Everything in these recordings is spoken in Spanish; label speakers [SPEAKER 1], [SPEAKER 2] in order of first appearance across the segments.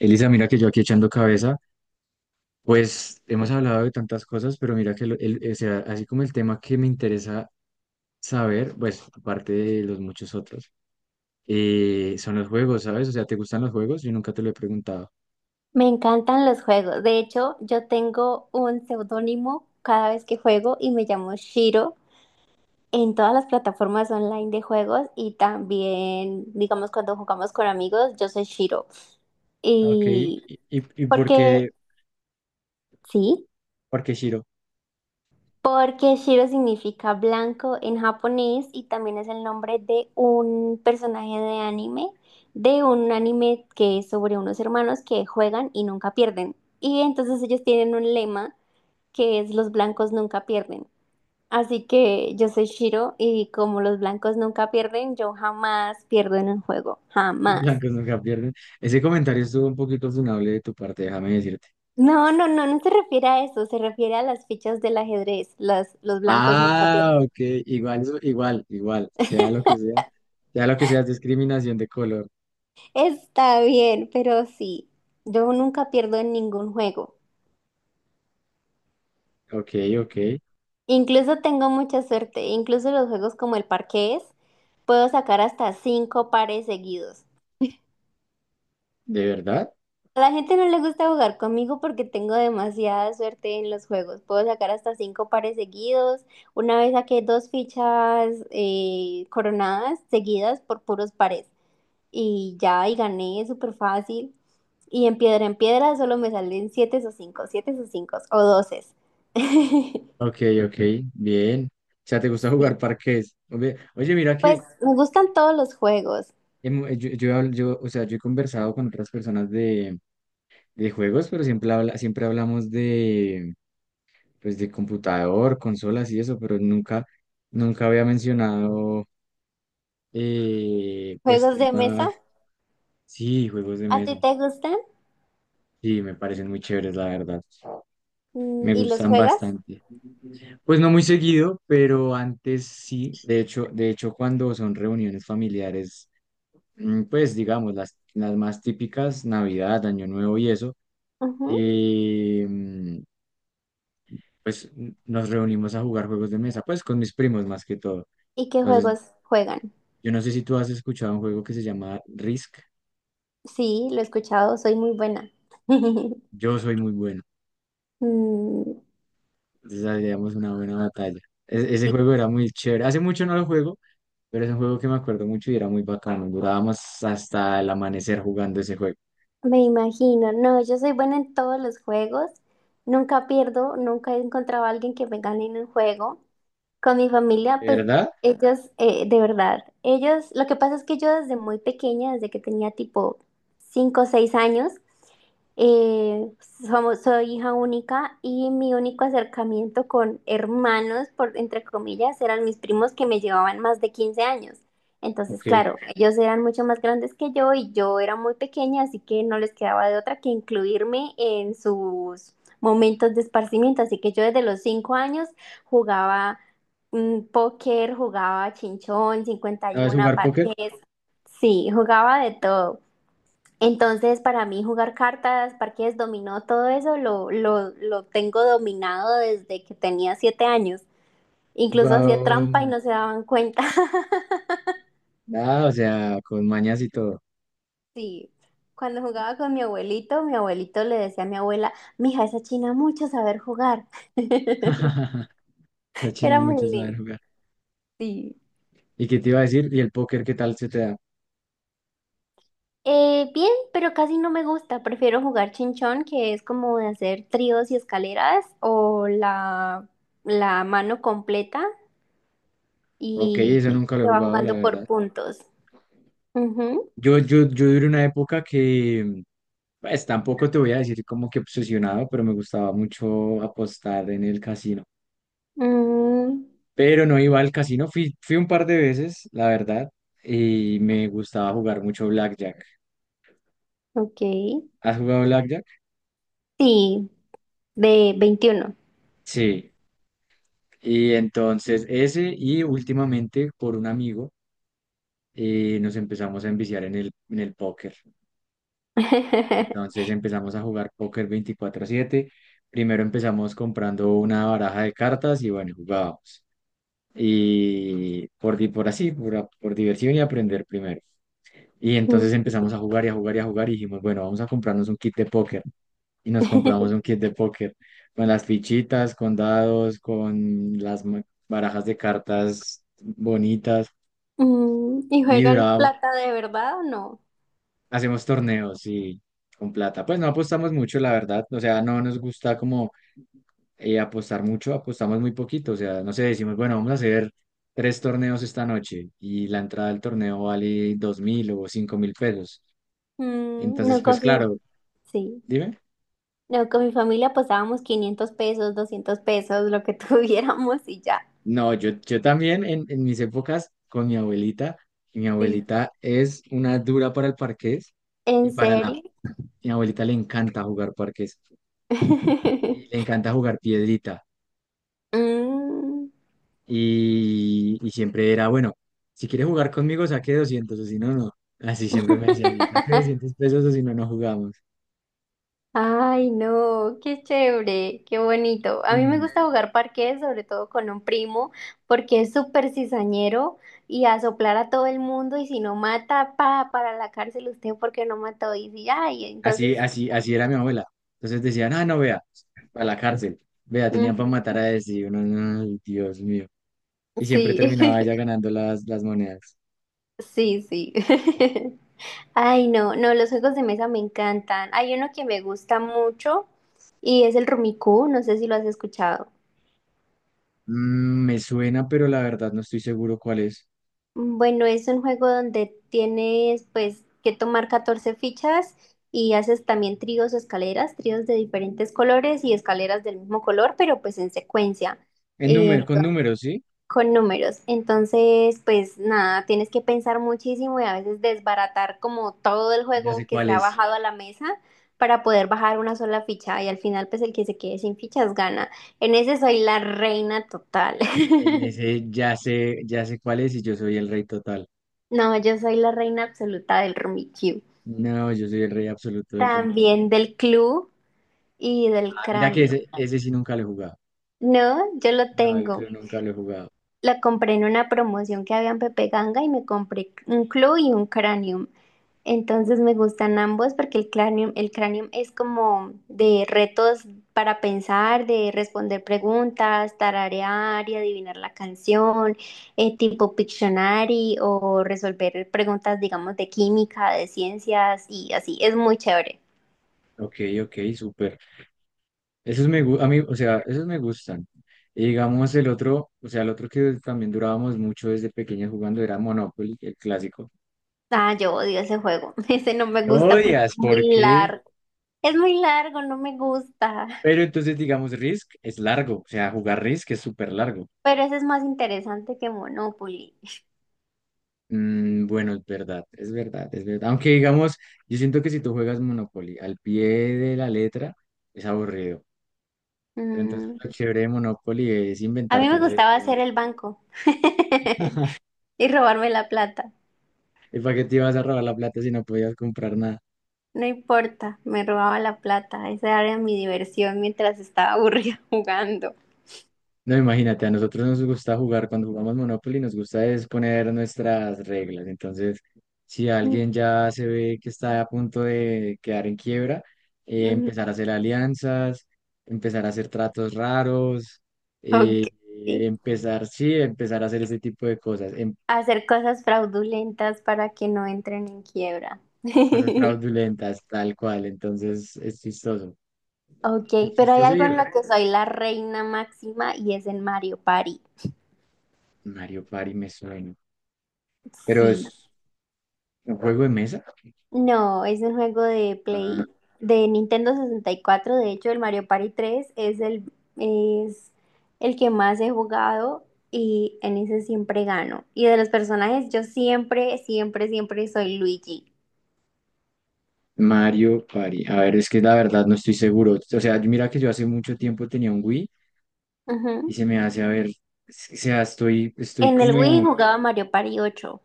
[SPEAKER 1] Elisa, mira que yo aquí echando cabeza, pues hemos hablado de tantas cosas, pero mira que así como el tema que me interesa saber, pues aparte de los muchos otros, son los juegos, ¿sabes? O sea, ¿te gustan los juegos? Yo nunca te lo he preguntado.
[SPEAKER 2] Me encantan los juegos. De hecho, yo tengo un seudónimo cada vez que juego y me llamo Shiro en todas las plataformas online de juegos y también, digamos, cuando jugamos con amigos, yo soy Shiro.
[SPEAKER 1] Ok, ¿y,
[SPEAKER 2] Y
[SPEAKER 1] y, y
[SPEAKER 2] porque, sí,
[SPEAKER 1] por qué Shiro?
[SPEAKER 2] porque Shiro significa blanco en japonés y también es el nombre de un personaje de anime, de un anime que es sobre unos hermanos que juegan y nunca pierden. Y entonces ellos tienen un lema que es los blancos nunca pierden. Así que yo soy Shiro y, como los blancos nunca pierden, yo jamás pierdo en un juego, jamás.
[SPEAKER 1] Blancos nunca pierden. Ese comentario estuvo un poquito funable de tu parte, déjame decirte.
[SPEAKER 2] No, no, no, no se refiere a eso, se refiere a las fichas del ajedrez, los blancos nunca
[SPEAKER 1] Ah,
[SPEAKER 2] pierden.
[SPEAKER 1] ok, igual, igual, igual, sea lo que sea, sea lo que sea, es discriminación de color.
[SPEAKER 2] Está bien, pero sí, yo nunca pierdo en ningún juego.
[SPEAKER 1] Ok, ok,
[SPEAKER 2] Incluso tengo mucha suerte, incluso los juegos como el parqués, puedo sacar hasta cinco pares seguidos.
[SPEAKER 1] ¿de verdad?
[SPEAKER 2] A la gente no le gusta jugar conmigo porque tengo demasiada suerte en los juegos. Puedo sacar hasta cinco pares seguidos. Una vez saqué dos fichas coronadas seguidas por puros pares. Y ya, y gané súper fácil. Y en piedra solo me salen siete o cinco o 12.
[SPEAKER 1] Ok, ok, bien. O sea, ¿te gusta jugar parqués? Oye, oye, mira que
[SPEAKER 2] Pues me gustan todos los juegos.
[SPEAKER 1] hemo- yo, habl- yo, o sea, yo he conversado con otras personas de juegos, pero siempre, habla, siempre hablamos de, pues, de computador, consolas y eso, pero nunca, nunca había mencionado, pues,
[SPEAKER 2] Juegos de mesa,
[SPEAKER 1] temas, sí, juegos de
[SPEAKER 2] ¿a ti
[SPEAKER 1] mesa.
[SPEAKER 2] te gustan?
[SPEAKER 1] Sí, me parecen muy chéveres, la verdad. Me
[SPEAKER 2] ¿Y los
[SPEAKER 1] gustan
[SPEAKER 2] juegas?
[SPEAKER 1] bastante. Pues no muy seguido, pero antes sí. De hecho, cuando son reuniones familiares. Mm, pues digamos, las más típicas, Navidad, Año Nuevo y eso,
[SPEAKER 2] Ujú.
[SPEAKER 1] eh, mm, pues nos reunimos a jugar juegos de mesa, pues con mis primos más que todo.
[SPEAKER 2] ¿Y qué
[SPEAKER 1] Entonces,
[SPEAKER 2] juegos juegan?
[SPEAKER 1] yo no sé si tú has escuchado un juego que se llama Risk.
[SPEAKER 2] Sí, lo he escuchado, soy muy buena.
[SPEAKER 1] Yo soy muy bueno,
[SPEAKER 2] Mm,
[SPEAKER 1] entonces hacíamos una buena batalla. Ese
[SPEAKER 2] sí,
[SPEAKER 1] juego era muy chévere. Hace mucho no lo juego, pero es un juego que me acuerdo mucho y era muy bacano. Durábamos hasta el amanecer jugando ese juego.
[SPEAKER 2] me imagino. No, yo soy buena en todos los juegos. Nunca pierdo, nunca he encontrado a alguien que me gane en un juego. Con mi familia, pues
[SPEAKER 1] ¿Verdad?
[SPEAKER 2] ellos, de verdad, ellos, lo que pasa es que yo, desde muy pequeña, desde que tenía tipo 5 o 6 años, eh, soy hija única y mi único acercamiento con hermanos, por, entre comillas, eran mis primos, que me llevaban más de 15 años. Entonces,
[SPEAKER 1] Ok.
[SPEAKER 2] claro, ellos eran mucho más grandes que yo y yo era muy pequeña, así que no les quedaba de otra que incluirme en sus momentos de esparcimiento. Así que yo, desde los 5 años, jugaba póker, jugaba chinchón,
[SPEAKER 1] ¿Sabes
[SPEAKER 2] 51,
[SPEAKER 1] jugar póker?
[SPEAKER 2] parqués, sí, jugaba de todo. Entonces, para mí, jugar cartas, parqués, dominó, todo eso lo tengo dominado desde que tenía 7 años. Incluso hacía
[SPEAKER 1] Jugado,
[SPEAKER 2] trampa y
[SPEAKER 1] mm,
[SPEAKER 2] no se daban cuenta.
[SPEAKER 1] nada, o sea, con mañas y todo.
[SPEAKER 2] Sí. Cuando jugaba con mi abuelito le decía a mi abuela: mija, esa china mucho saber jugar.
[SPEAKER 1] La China es
[SPEAKER 2] Era muy
[SPEAKER 1] mucho saber
[SPEAKER 2] lindo.
[SPEAKER 1] jugar.
[SPEAKER 2] Sí.
[SPEAKER 1] ¿Y qué te iba a decir? ¿Y el póker qué tal se te da?
[SPEAKER 2] Bien, pero casi no me gusta. Prefiero jugar chinchón, que es como de hacer tríos y escaleras, o la mano completa,
[SPEAKER 1] Ok,
[SPEAKER 2] y
[SPEAKER 1] eso nunca lo he
[SPEAKER 2] se va
[SPEAKER 1] jugado, la
[SPEAKER 2] jugando por
[SPEAKER 1] verdad.
[SPEAKER 2] puntos. Ujú.
[SPEAKER 1] Yo duré una época que, pues tampoco te voy a decir como que obsesionado, pero me gustaba mucho apostar en el casino.
[SPEAKER 2] Mm,
[SPEAKER 1] Pero no iba al casino, fui, fui un par de veces, la verdad, y me gustaba jugar mucho blackjack.
[SPEAKER 2] ok.
[SPEAKER 1] ¿Has jugado blackjack?
[SPEAKER 2] Sí, de 21.
[SPEAKER 1] Sí. Y entonces ese y últimamente por un amigo nos empezamos a enviciar en el póker. Entonces empezamos a jugar póker 24/7. Primero empezamos comprando una baraja de cartas y bueno, jugábamos. Y por, di- por así, por, a- por diversión y aprender primero. Y
[SPEAKER 2] Mm.
[SPEAKER 1] entonces empezamos a jugar y a jugar y a jugar y dijimos, bueno, vamos a comprarnos un kit de póker. Y nos compramos un kit de póker con las fichitas, con dados, con barajas de cartas bonitas.
[SPEAKER 2] ¿Y
[SPEAKER 1] Y
[SPEAKER 2] juegan
[SPEAKER 1] duraba,
[SPEAKER 2] plata de verdad o no?
[SPEAKER 1] hacemos torneos y con plata. Pues no apostamos mucho, la verdad. O sea, no nos gusta como apostar mucho, apostamos muy poquito. O sea, no sé, decimos, bueno, vamos a hacer tres torneos esta noche y la entrada al torneo vale 2.000 o 5.000 pesos. Entonces,
[SPEAKER 2] No
[SPEAKER 1] pues
[SPEAKER 2] confío.
[SPEAKER 1] claro,
[SPEAKER 2] Sí.
[SPEAKER 1] dime.
[SPEAKER 2] No, con mi familia pasábamos 500 pesos, 200 pesos, lo que tuviéramos y ya.
[SPEAKER 1] No, yo también en mis épocas con mi abuelita, y mi
[SPEAKER 2] Sí.
[SPEAKER 1] abuelita es una dura para el parqués y
[SPEAKER 2] ¿En
[SPEAKER 1] para la...
[SPEAKER 2] serio?
[SPEAKER 1] Mi abuelita le encanta jugar parqués y le encanta jugar piedrita.
[SPEAKER 2] Mm.
[SPEAKER 1] Y siempre era, bueno, si quieres jugar conmigo, saque 200 o si no, no. Así siempre me decía así, saque 200 pesos o si no, no jugamos.
[SPEAKER 2] Ay, no, qué chévere, qué bonito. A mí me
[SPEAKER 1] Mm.
[SPEAKER 2] gusta jugar parqués, sobre todo con un primo, porque es súper cizañero y a soplar a todo el mundo, y si no mata, para la cárcel usted porque no mató, y si, ay,
[SPEAKER 1] Así,
[SPEAKER 2] entonces,
[SPEAKER 1] así, así era mi abuela. Entonces decían, ah, no, vea, a la cárcel. Vea,
[SPEAKER 2] mm,
[SPEAKER 1] tenían para matar a ese. Y uno, "Ay, Dios mío". Y siempre
[SPEAKER 2] sí,
[SPEAKER 1] terminaba ella ganando las monedas.
[SPEAKER 2] sí, sí. Ay, no, no, los juegos de mesa me encantan. Hay uno que me gusta mucho y es el Rumicú, no sé si lo has escuchado.
[SPEAKER 1] Mm, me suena, pero la verdad no estoy seguro cuál es.
[SPEAKER 2] Bueno, es un juego donde tienes, pues, que tomar 14 fichas y haces también tríos o escaleras, tríos de diferentes colores y escaleras del mismo color, pero pues en secuencia,
[SPEAKER 1] En número, con
[SPEAKER 2] entonces,
[SPEAKER 1] números, ¿sí?
[SPEAKER 2] con números. Entonces, pues nada, tienes que pensar muchísimo y a veces desbaratar como todo el
[SPEAKER 1] Ya sé
[SPEAKER 2] juego que
[SPEAKER 1] cuál
[SPEAKER 2] se ha
[SPEAKER 1] es.
[SPEAKER 2] bajado a la mesa para poder bajar una sola ficha, y al final pues el que se quede sin fichas gana. En ese soy la reina total.
[SPEAKER 1] En ese ya sé cuál es y yo soy el rey total.
[SPEAKER 2] No, yo soy la reina absoluta del Rummikub.
[SPEAKER 1] No, yo soy el rey absoluto del
[SPEAKER 2] También del club y del
[SPEAKER 1] Ah, mira que
[SPEAKER 2] cráneo.
[SPEAKER 1] ese sí nunca lo he jugado.
[SPEAKER 2] No, yo lo
[SPEAKER 1] No, el
[SPEAKER 2] tengo.
[SPEAKER 1] club nunca lo he jugado.
[SPEAKER 2] Lo compré en una promoción que había en Pepe Ganga y me compré un club y un cranium. Entonces me gustan ambos porque el cranium es como de retos para pensar, de responder preguntas, tararear y adivinar la canción, tipo Pictionary, o resolver preguntas, digamos, de química, de ciencias y así. Es muy chévere.
[SPEAKER 1] Ok, ok, súper. Esos me, a mí, o sea, esos me gustan. Y digamos el otro, o sea, el otro que también durábamos mucho desde pequeños jugando era Monopoly, el clásico.
[SPEAKER 2] Ah, yo odio ese juego. Ese no me
[SPEAKER 1] No
[SPEAKER 2] gusta porque
[SPEAKER 1] odias,
[SPEAKER 2] es
[SPEAKER 1] ¿por
[SPEAKER 2] muy
[SPEAKER 1] qué?
[SPEAKER 2] largo. Es muy largo, no me gusta.
[SPEAKER 1] Pero entonces, digamos, Risk es largo. O sea, jugar Risk es súper largo.
[SPEAKER 2] Pero ese es más interesante que Monopoly.
[SPEAKER 1] Mm, bueno, es verdad, es verdad, es verdad. Aunque digamos, yo siento que si tú juegas Monopoly al pie de la letra, es aburrido. Pero entonces
[SPEAKER 2] Mm,
[SPEAKER 1] lo chévere de Monopoly es
[SPEAKER 2] A mí
[SPEAKER 1] inventarte
[SPEAKER 2] me gustaba
[SPEAKER 1] reglas.
[SPEAKER 2] hacer el banco y robarme la plata.
[SPEAKER 1] ¿Y para qué te ibas a robar la plata si no podías comprar nada?
[SPEAKER 2] No importa, me robaba la plata. Esa era mi diversión mientras estaba aburrida jugando.
[SPEAKER 1] No, imagínate, a nosotros nos gusta jugar, cuando jugamos Monopoly nos gusta es poner nuestras reglas. Entonces, si alguien ya se ve que está a punto de quedar en quiebra,
[SPEAKER 2] Mm,
[SPEAKER 1] empezar a hacer alianzas, empezar a hacer tratos raros, eh,
[SPEAKER 2] ok.
[SPEAKER 1] empezar, sí, empezar a hacer ese tipo de cosas,
[SPEAKER 2] Hacer cosas fraudulentas para que no entren en quiebra.
[SPEAKER 1] cosas fraudulentas, tal cual. Entonces, es chistoso. Es
[SPEAKER 2] Ok, pero hay
[SPEAKER 1] chistoso
[SPEAKER 2] algo
[SPEAKER 1] y,
[SPEAKER 2] en lo que soy la reina máxima y es en Mario Party.
[SPEAKER 1] Mario Party me suena. Pero
[SPEAKER 2] Sí.
[SPEAKER 1] es un juego de mesa.
[SPEAKER 2] No, es un juego de
[SPEAKER 1] Ah,
[SPEAKER 2] Play, de Nintendo 64. De hecho, el Mario Party 3 es el que más he jugado, y en ese siempre gano. Y de los personajes, yo siempre, siempre, siempre soy Luigi.
[SPEAKER 1] Mario Party. A ver, es que la verdad no estoy seguro. O sea, mira que yo hace mucho tiempo tenía un Wii y
[SPEAKER 2] Ujú.
[SPEAKER 1] se me hace, a ver, es que, o sea, estoy
[SPEAKER 2] En el Wii
[SPEAKER 1] como
[SPEAKER 2] jugaba Mario Party 8.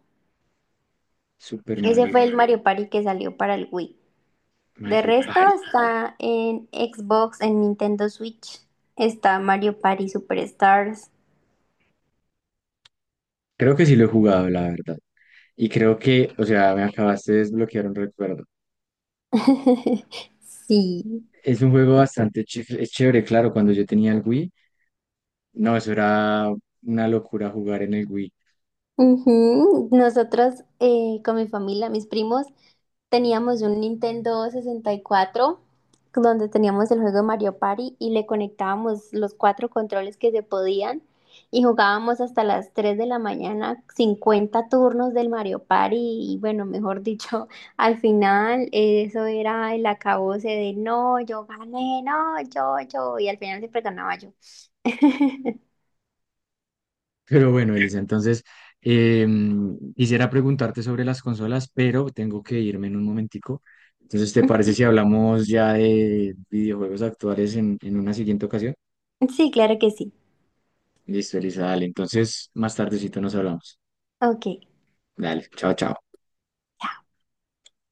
[SPEAKER 1] Super
[SPEAKER 2] Ese
[SPEAKER 1] Mario,
[SPEAKER 2] fue el Mario Party que salió para el Wii. De
[SPEAKER 1] Mario
[SPEAKER 2] resto
[SPEAKER 1] Party.
[SPEAKER 2] está en Xbox, en Nintendo Switch. Está Mario Party Superstars.
[SPEAKER 1] Creo que sí lo he jugado, la verdad. Y creo que, o sea, me acabaste de desbloquear un recuerdo.
[SPEAKER 2] Sí.
[SPEAKER 1] Es un juego bastante es chévere, claro, cuando yo tenía el Wii, no, eso era una locura jugar en el Wii.
[SPEAKER 2] Ujú. Nosotros, con mi familia, mis primos, teníamos un Nintendo 64 donde teníamos el juego de Mario Party y le conectábamos los cuatro controles que se podían, y jugábamos hasta las 3 de la mañana, 50 turnos del Mario Party, y bueno, mejor dicho, al final eso era el acabose de: no, yo gané, no, yo, y al final siempre ganaba yo.
[SPEAKER 1] Pero bueno, Elisa, entonces quisiera preguntarte sobre las consolas, pero tengo que irme en un momentico. Entonces, ¿te parece si hablamos ya de videojuegos actuales en una siguiente ocasión?
[SPEAKER 2] Sí, claro que sí.
[SPEAKER 1] Listo, Elisa, dale. Entonces, más tardecito nos hablamos.
[SPEAKER 2] Ok.
[SPEAKER 1] Dale, chao, chao.